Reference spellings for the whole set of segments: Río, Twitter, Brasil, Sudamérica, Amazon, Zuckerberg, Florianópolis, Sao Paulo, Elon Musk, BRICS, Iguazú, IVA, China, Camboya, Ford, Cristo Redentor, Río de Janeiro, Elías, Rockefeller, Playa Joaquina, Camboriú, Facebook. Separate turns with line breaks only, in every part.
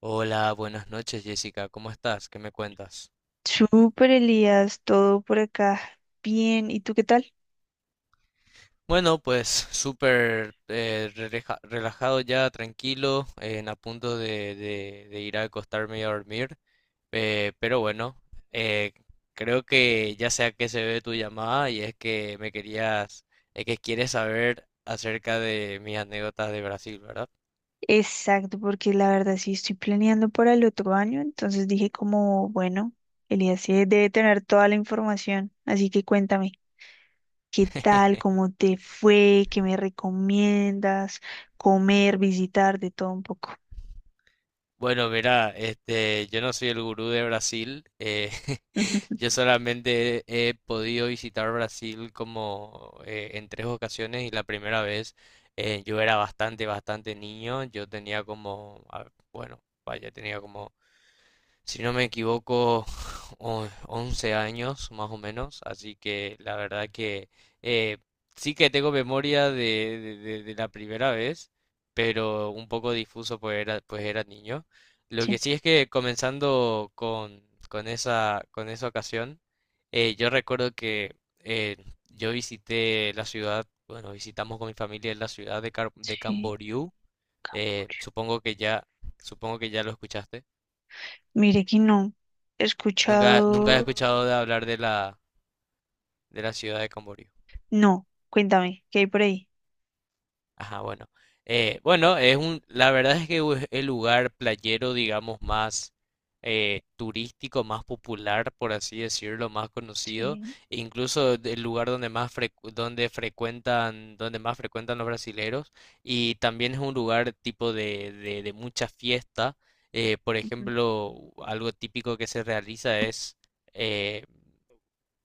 Hola, buenas noches Jessica, ¿cómo estás? ¿Qué me cuentas?
Súper, Elías, todo por acá. Bien, ¿y tú qué tal?
Bueno, pues súper relajado ya, tranquilo, en a punto de, de ir a acostarme y a dormir. Eh, pero bueno, eh, creo que ya sé a qué se ve tu llamada y es que me es que quieres saber acerca de mis anécdotas de Brasil, ¿verdad?
Exacto, porque la verdad sí estoy planeando para el otro año, entonces dije como, bueno, Elías sí debe tener toda la información, así que cuéntame, ¿qué tal? ¿Cómo te fue? ¿Qué me recomiendas? Comer, visitar, de todo un poco.
Bueno, verá, este, yo no soy el gurú de Brasil. Yo solamente he podido visitar Brasil como en 3 ocasiones. Y la primera vez yo era bastante niño. Yo tenía como, bueno, vaya, tenía como, si no me equivoco, 11 años más o menos, así que la verdad que eh, sí que tengo memoria de, de la primera vez, pero un poco difuso, pues era niño. Lo
Sí,
que sí es que comenzando con esa ocasión, yo recuerdo que yo visité la ciudad, bueno, visitamos con mi familia la ciudad de, de
sí,
Camboriú.
Camboya.
Supongo que ya lo escuchaste.
Mire que no, he
Nunca, nunca he
escuchado,
escuchado de hablar de la ciudad de Camboriú.
no, cuéntame, ¿qué hay por ahí?
Ajá, bueno. Bueno, es un, la verdad es que es el lugar playero, digamos, más turístico, más popular, por así decirlo, más conocido.
Sí,
E incluso el lugar donde frecuentan, donde más frecuentan los brasileros. Y también es un lugar tipo de mucha fiesta. Por
ujú,
ejemplo, algo típico que se realiza es, eh,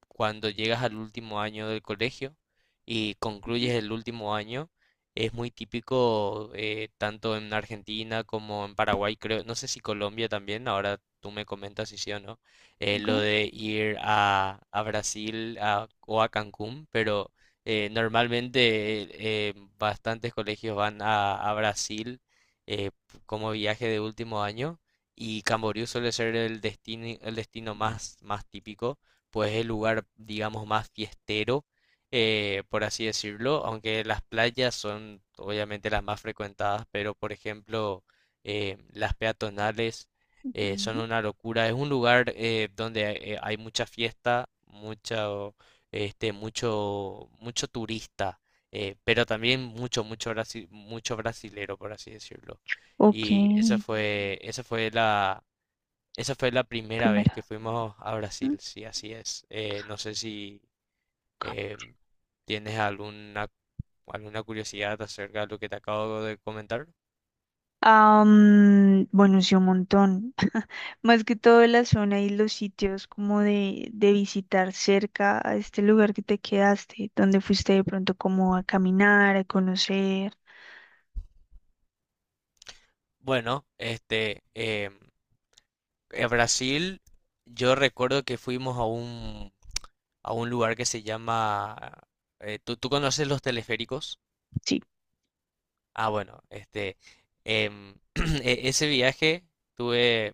cuando llegas al último año del colegio y concluyes el último año, es muy típico, tanto en Argentina como en Paraguay, creo, no sé si Colombia también, ahora tú me comentas si sí o no.
ok.
Lo de ir a Brasil o a Cancún. Pero normalmente bastantes colegios van a Brasil eh, como viaje de último año, y Camboriú suele ser el destino más, más típico, pues el lugar, digamos, más fiestero, por así decirlo. Aunque las playas son obviamente las más frecuentadas, pero por ejemplo, las peatonales son
Ujú.
una locura. Es un lugar donde hay mucha fiesta, mucho, este, mucho, mucho turista, pero también mucho, mucho brasilero, por así decirlo.
Ok,
Y esa fue, esa fue la primera vez que
primera.
fuimos a Brasil,
Mm.
sí, así es. No sé si eh, tienes alguna, alguna curiosidad acerca de lo que te acabo de comentar.
Bueno, sí, un montón. Más que todo la zona y los sitios como de visitar cerca a este lugar que te quedaste, donde fuiste de pronto como a caminar, a conocer.
Bueno, este, en Brasil, yo recuerdo que fuimos a un lugar que se llama... ¿tú, tú conoces los teleféricos?
Sí.
Ah, bueno, este, em, ese viaje tuve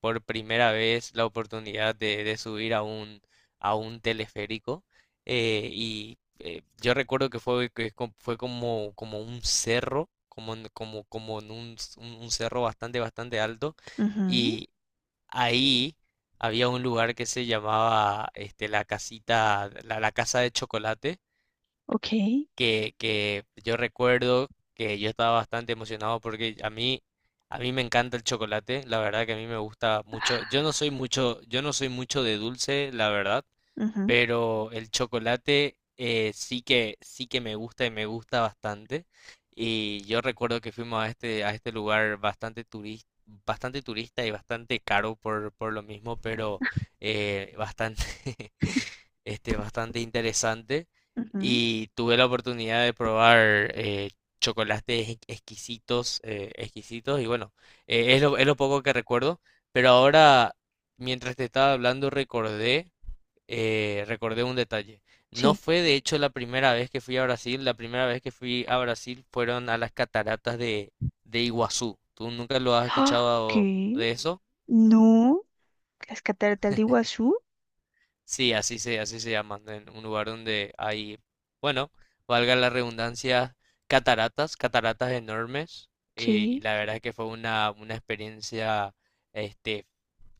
por primera vez la oportunidad de subir a un teleférico. Yo recuerdo que fue, fue como, como un cerro, como, como en un, un cerro bastante, bastante alto.
Ujú.
Y ahí había un lugar que se llamaba, este, la casita, la casa de chocolate,
Ok.
que yo recuerdo que yo estaba bastante emocionado porque a mí me encanta el chocolate, la verdad que a mí me gusta mucho. Yo no soy mucho, yo no soy mucho de dulce, la verdad,
Ujú,
pero el chocolate sí que me gusta y me gusta bastante. Y yo recuerdo que fuimos a este lugar bastante turista y bastante caro por lo mismo. Pero bastante, este, bastante interesante,
ujú,
y tuve la oportunidad de probar exquisitos, exquisitos. Y bueno, es lo poco que recuerdo. Pero ahora, mientras te estaba hablando, recordé, recordé un detalle. No
sí.
fue de hecho la primera vez que fui a Brasil. La primera vez que fui a Brasil fueron a las cataratas de Iguazú. ¿Tú nunca lo has
¡Ah!
escuchado
¿Qué?
de eso?
No. Las cataratas de Iguazú.
Sí, así se llama, en un lugar donde hay, bueno, valga la redundancia, cataratas, cataratas enormes. Y
Sí,
la verdad es que fue una experiencia, este,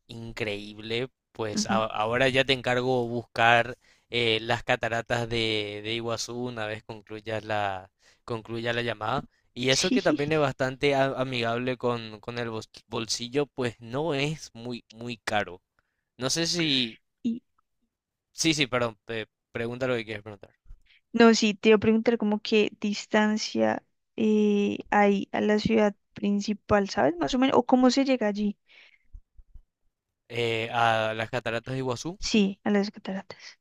increíble. Pues
ujú,
ahora ya te encargo buscar las cataratas de Iguazú una vez concluya la llamada. Y eso que
sí.
también es bastante amigable con, bolsillo, pues no es muy, muy caro. No sé si. Sí, sí, perdón, te pregunta lo que quieres preguntar.
No, sí, te iba a preguntar como qué distancia hay a la ciudad principal, ¿sabes? Más o menos, o cómo se llega allí.
A las cataratas de Iguazú.
Sí, a las cataratas.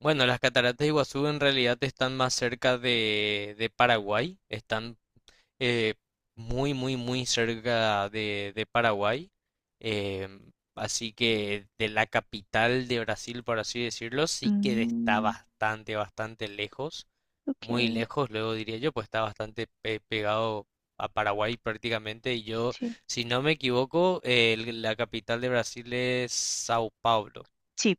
Bueno, las cataratas de Iguazú en realidad están más cerca de Paraguay, están eh, muy, muy, muy cerca de Paraguay. Así que de la capital de Brasil, por así decirlo, sí que está
Mm,
bastante, bastante lejos. Muy
ok,
lejos, luego diría yo, pues está pegado a Paraguay prácticamente. Y yo,
sí.
si no me equivoco, la capital de Brasil es Sao Paulo.
Sí,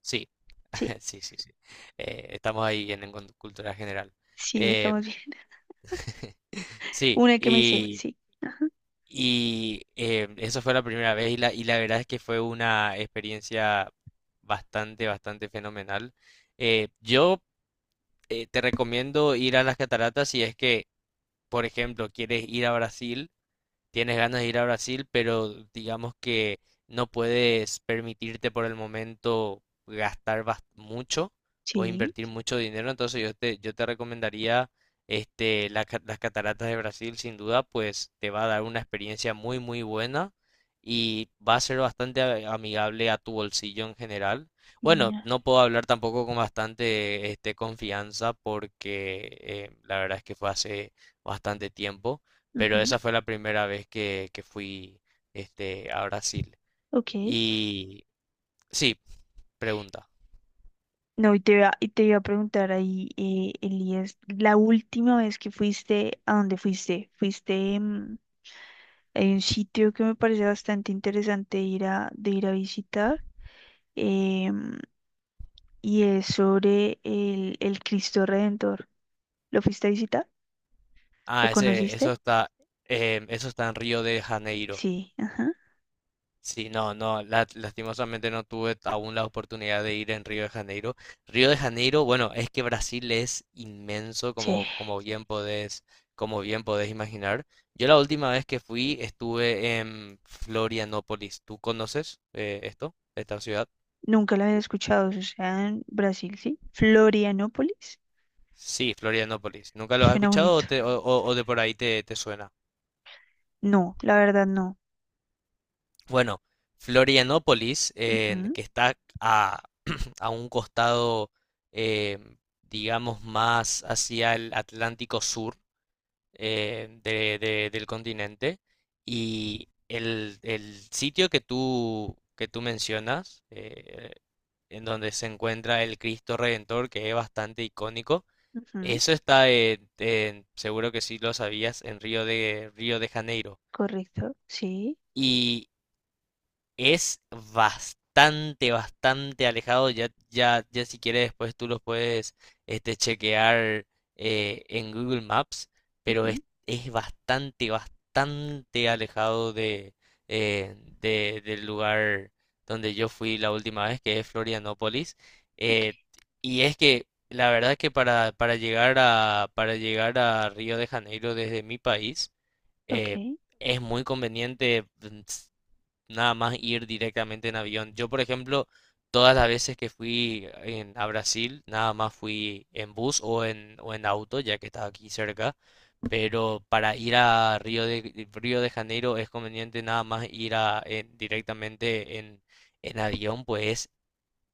Sí,
sí,
sí, sí, sí. Estamos ahí en cultura general.
sí,
Eh,
estamos bien.
sí.
Una que me sé, sí. Ajá.
Y eso fue la primera vez. Y la, y la verdad es que fue una experiencia bastante, bastante fenomenal. Yo Te recomiendo ir a las cataratas si es que, por ejemplo, quieres ir a Brasil. Tienes ganas de ir a Brasil, pero digamos que no puedes permitirte por el momento mucho o
Sí,
invertir mucho dinero. Entonces yo te recomendaría, este, las cataratas de Brasil, sin duda, pues te va a dar una experiencia muy, muy buena, y va a ser bastante amigable a tu bolsillo en general. Bueno,
genial.
no puedo hablar tampoco con bastante, este, confianza, porque la verdad es que fue hace bastante tiempo. Pero
Ujú,
esa fue la primera vez que fui, este, a Brasil.
ok.
Y sí, pregunta.
No, y te iba a preguntar ahí, Elías, la última vez que fuiste, ¿a dónde fuiste? Fuiste, mm, hay un sitio que me parece bastante interesante ir a, de ir a visitar, em, y es sobre el Cristo Redentor. ¿Lo fuiste a visitar? ¿Lo
Ah, ese, eso
conociste?
está, eso está en Río de Janeiro.
Sí, ajá.
Sí, no, no, lastimosamente no tuve aún la oportunidad de ir en Río de Janeiro. Río de Janeiro, bueno, es que Brasil es inmenso,
Sí,
como, como bien podés imaginar. Yo la última vez que fui estuve en Florianópolis. ¿Tú conoces esta ciudad?
nunca lo había escuchado, o sea, en Brasil, sí. Florianópolis,
Sí, Florianópolis. ¿Nunca los has
suena
escuchado o,
bonito.
o de por ahí te, te suena?
No, la verdad no.
Bueno, Florianópolis,
Ujú,
que está a, a un costado, eh, digamos, más hacia el Atlántico Sur, del continente. Y el sitio que tú mencionas, en donde se encuentra el Cristo Redentor, que es bastante icónico,
ujú.
eso está en, seguro que sí lo sabías, en Río de Janeiro,
Correcto, sí,
es bastante, bastante alejado. Ya, ya, ya si quieres después tú los puedes, este, chequear en Google Maps, pero
ujú.
es bastante, bastante alejado de, del lugar donde yo fui la última vez, que es Florianópolis.
Ok,
Eh, y es que la verdad que para llegar a Río de Janeiro desde mi país,
ok.
eh, es muy conveniente, nada más ir directamente en avión. Yo, por ejemplo, todas las veces que fui a Brasil, nada más fui en bus o en auto, ya que estaba aquí cerca. Pero para ir a Río de Janeiro es conveniente nada más ir a, directamente en avión, pues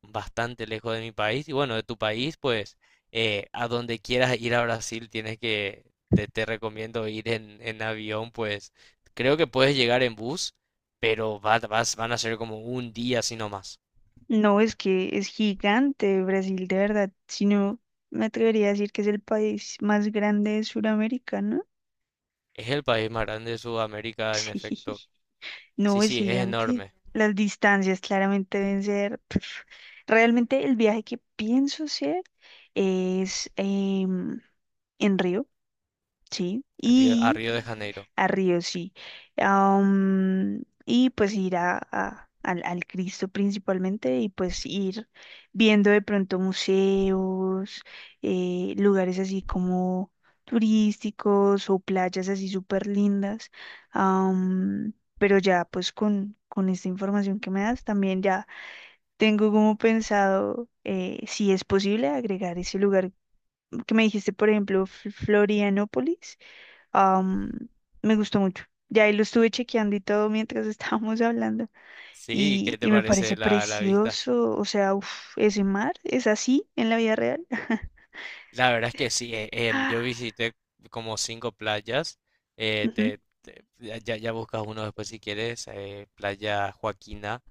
bastante lejos de mi país. Y bueno, de tu país, pues a donde quieras ir a Brasil, tienes que, te recomiendo ir en avión, pues creo que puedes llegar en bus, pero vas, van a ser como un día así nomás.
No, es que es gigante Brasil, de verdad. Si no, me atrevería a decir que es el país más grande de Sudamérica, ¿no?
Es el país más grande de Sudamérica, en efecto.
Sí,
Sí,
no, es
sí, es
gigante.
enorme.
Las distancias claramente deben ser... pf. Realmente el viaje que pienso hacer es en Río, sí.
En a
Y
Río de Janeiro.
a Río, sí. Y pues ir a, al Cristo principalmente y pues ir viendo de pronto museos, lugares así como turísticos o playas así súper lindas. Am, pero ya pues con esta información que me das también ya tengo como pensado si es posible agregar ese lugar que me dijiste, por ejemplo, Florianópolis am, me gustó mucho. Ya ahí lo estuve chequeando y todo mientras estábamos hablando
Sí, ¿qué te
y me
parece
parece
la, la vista?
precioso, o sea, uf, ese mar es así en la vida real.
La verdad es que sí,
Ah,
yo visité como 5 playas.
ujú.
Ya, ya ya buscas uno después si quieres, Playa Joaquina.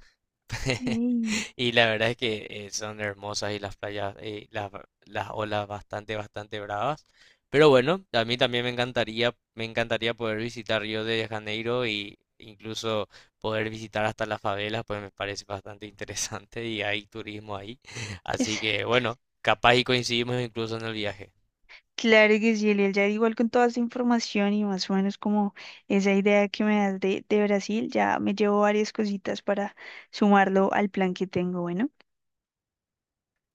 Ey,
Y la verdad es que son hermosas. Y las playas, las olas bastante, bastante bravas. Pero bueno, a mí también me encantaría poder visitar Río de Janeiro, y incluso poder visitar hasta las favelas, pues me parece bastante interesante y hay turismo ahí. Así que
exacto.
bueno, capaz y coincidimos incluso en el viaje.
Claro que sí, Eliel, ya igual con toda esa información y más o menos como esa idea que me das de Brasil, ya me llevo varias cositas para sumarlo al plan que tengo. Bueno,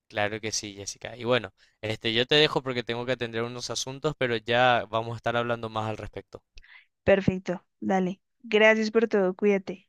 Claro que sí, Jessica. Y bueno, este, yo te dejo porque tengo que atender unos asuntos, pero ya vamos a estar hablando más al respecto.
perfecto, dale. Gracias por todo, cuídate.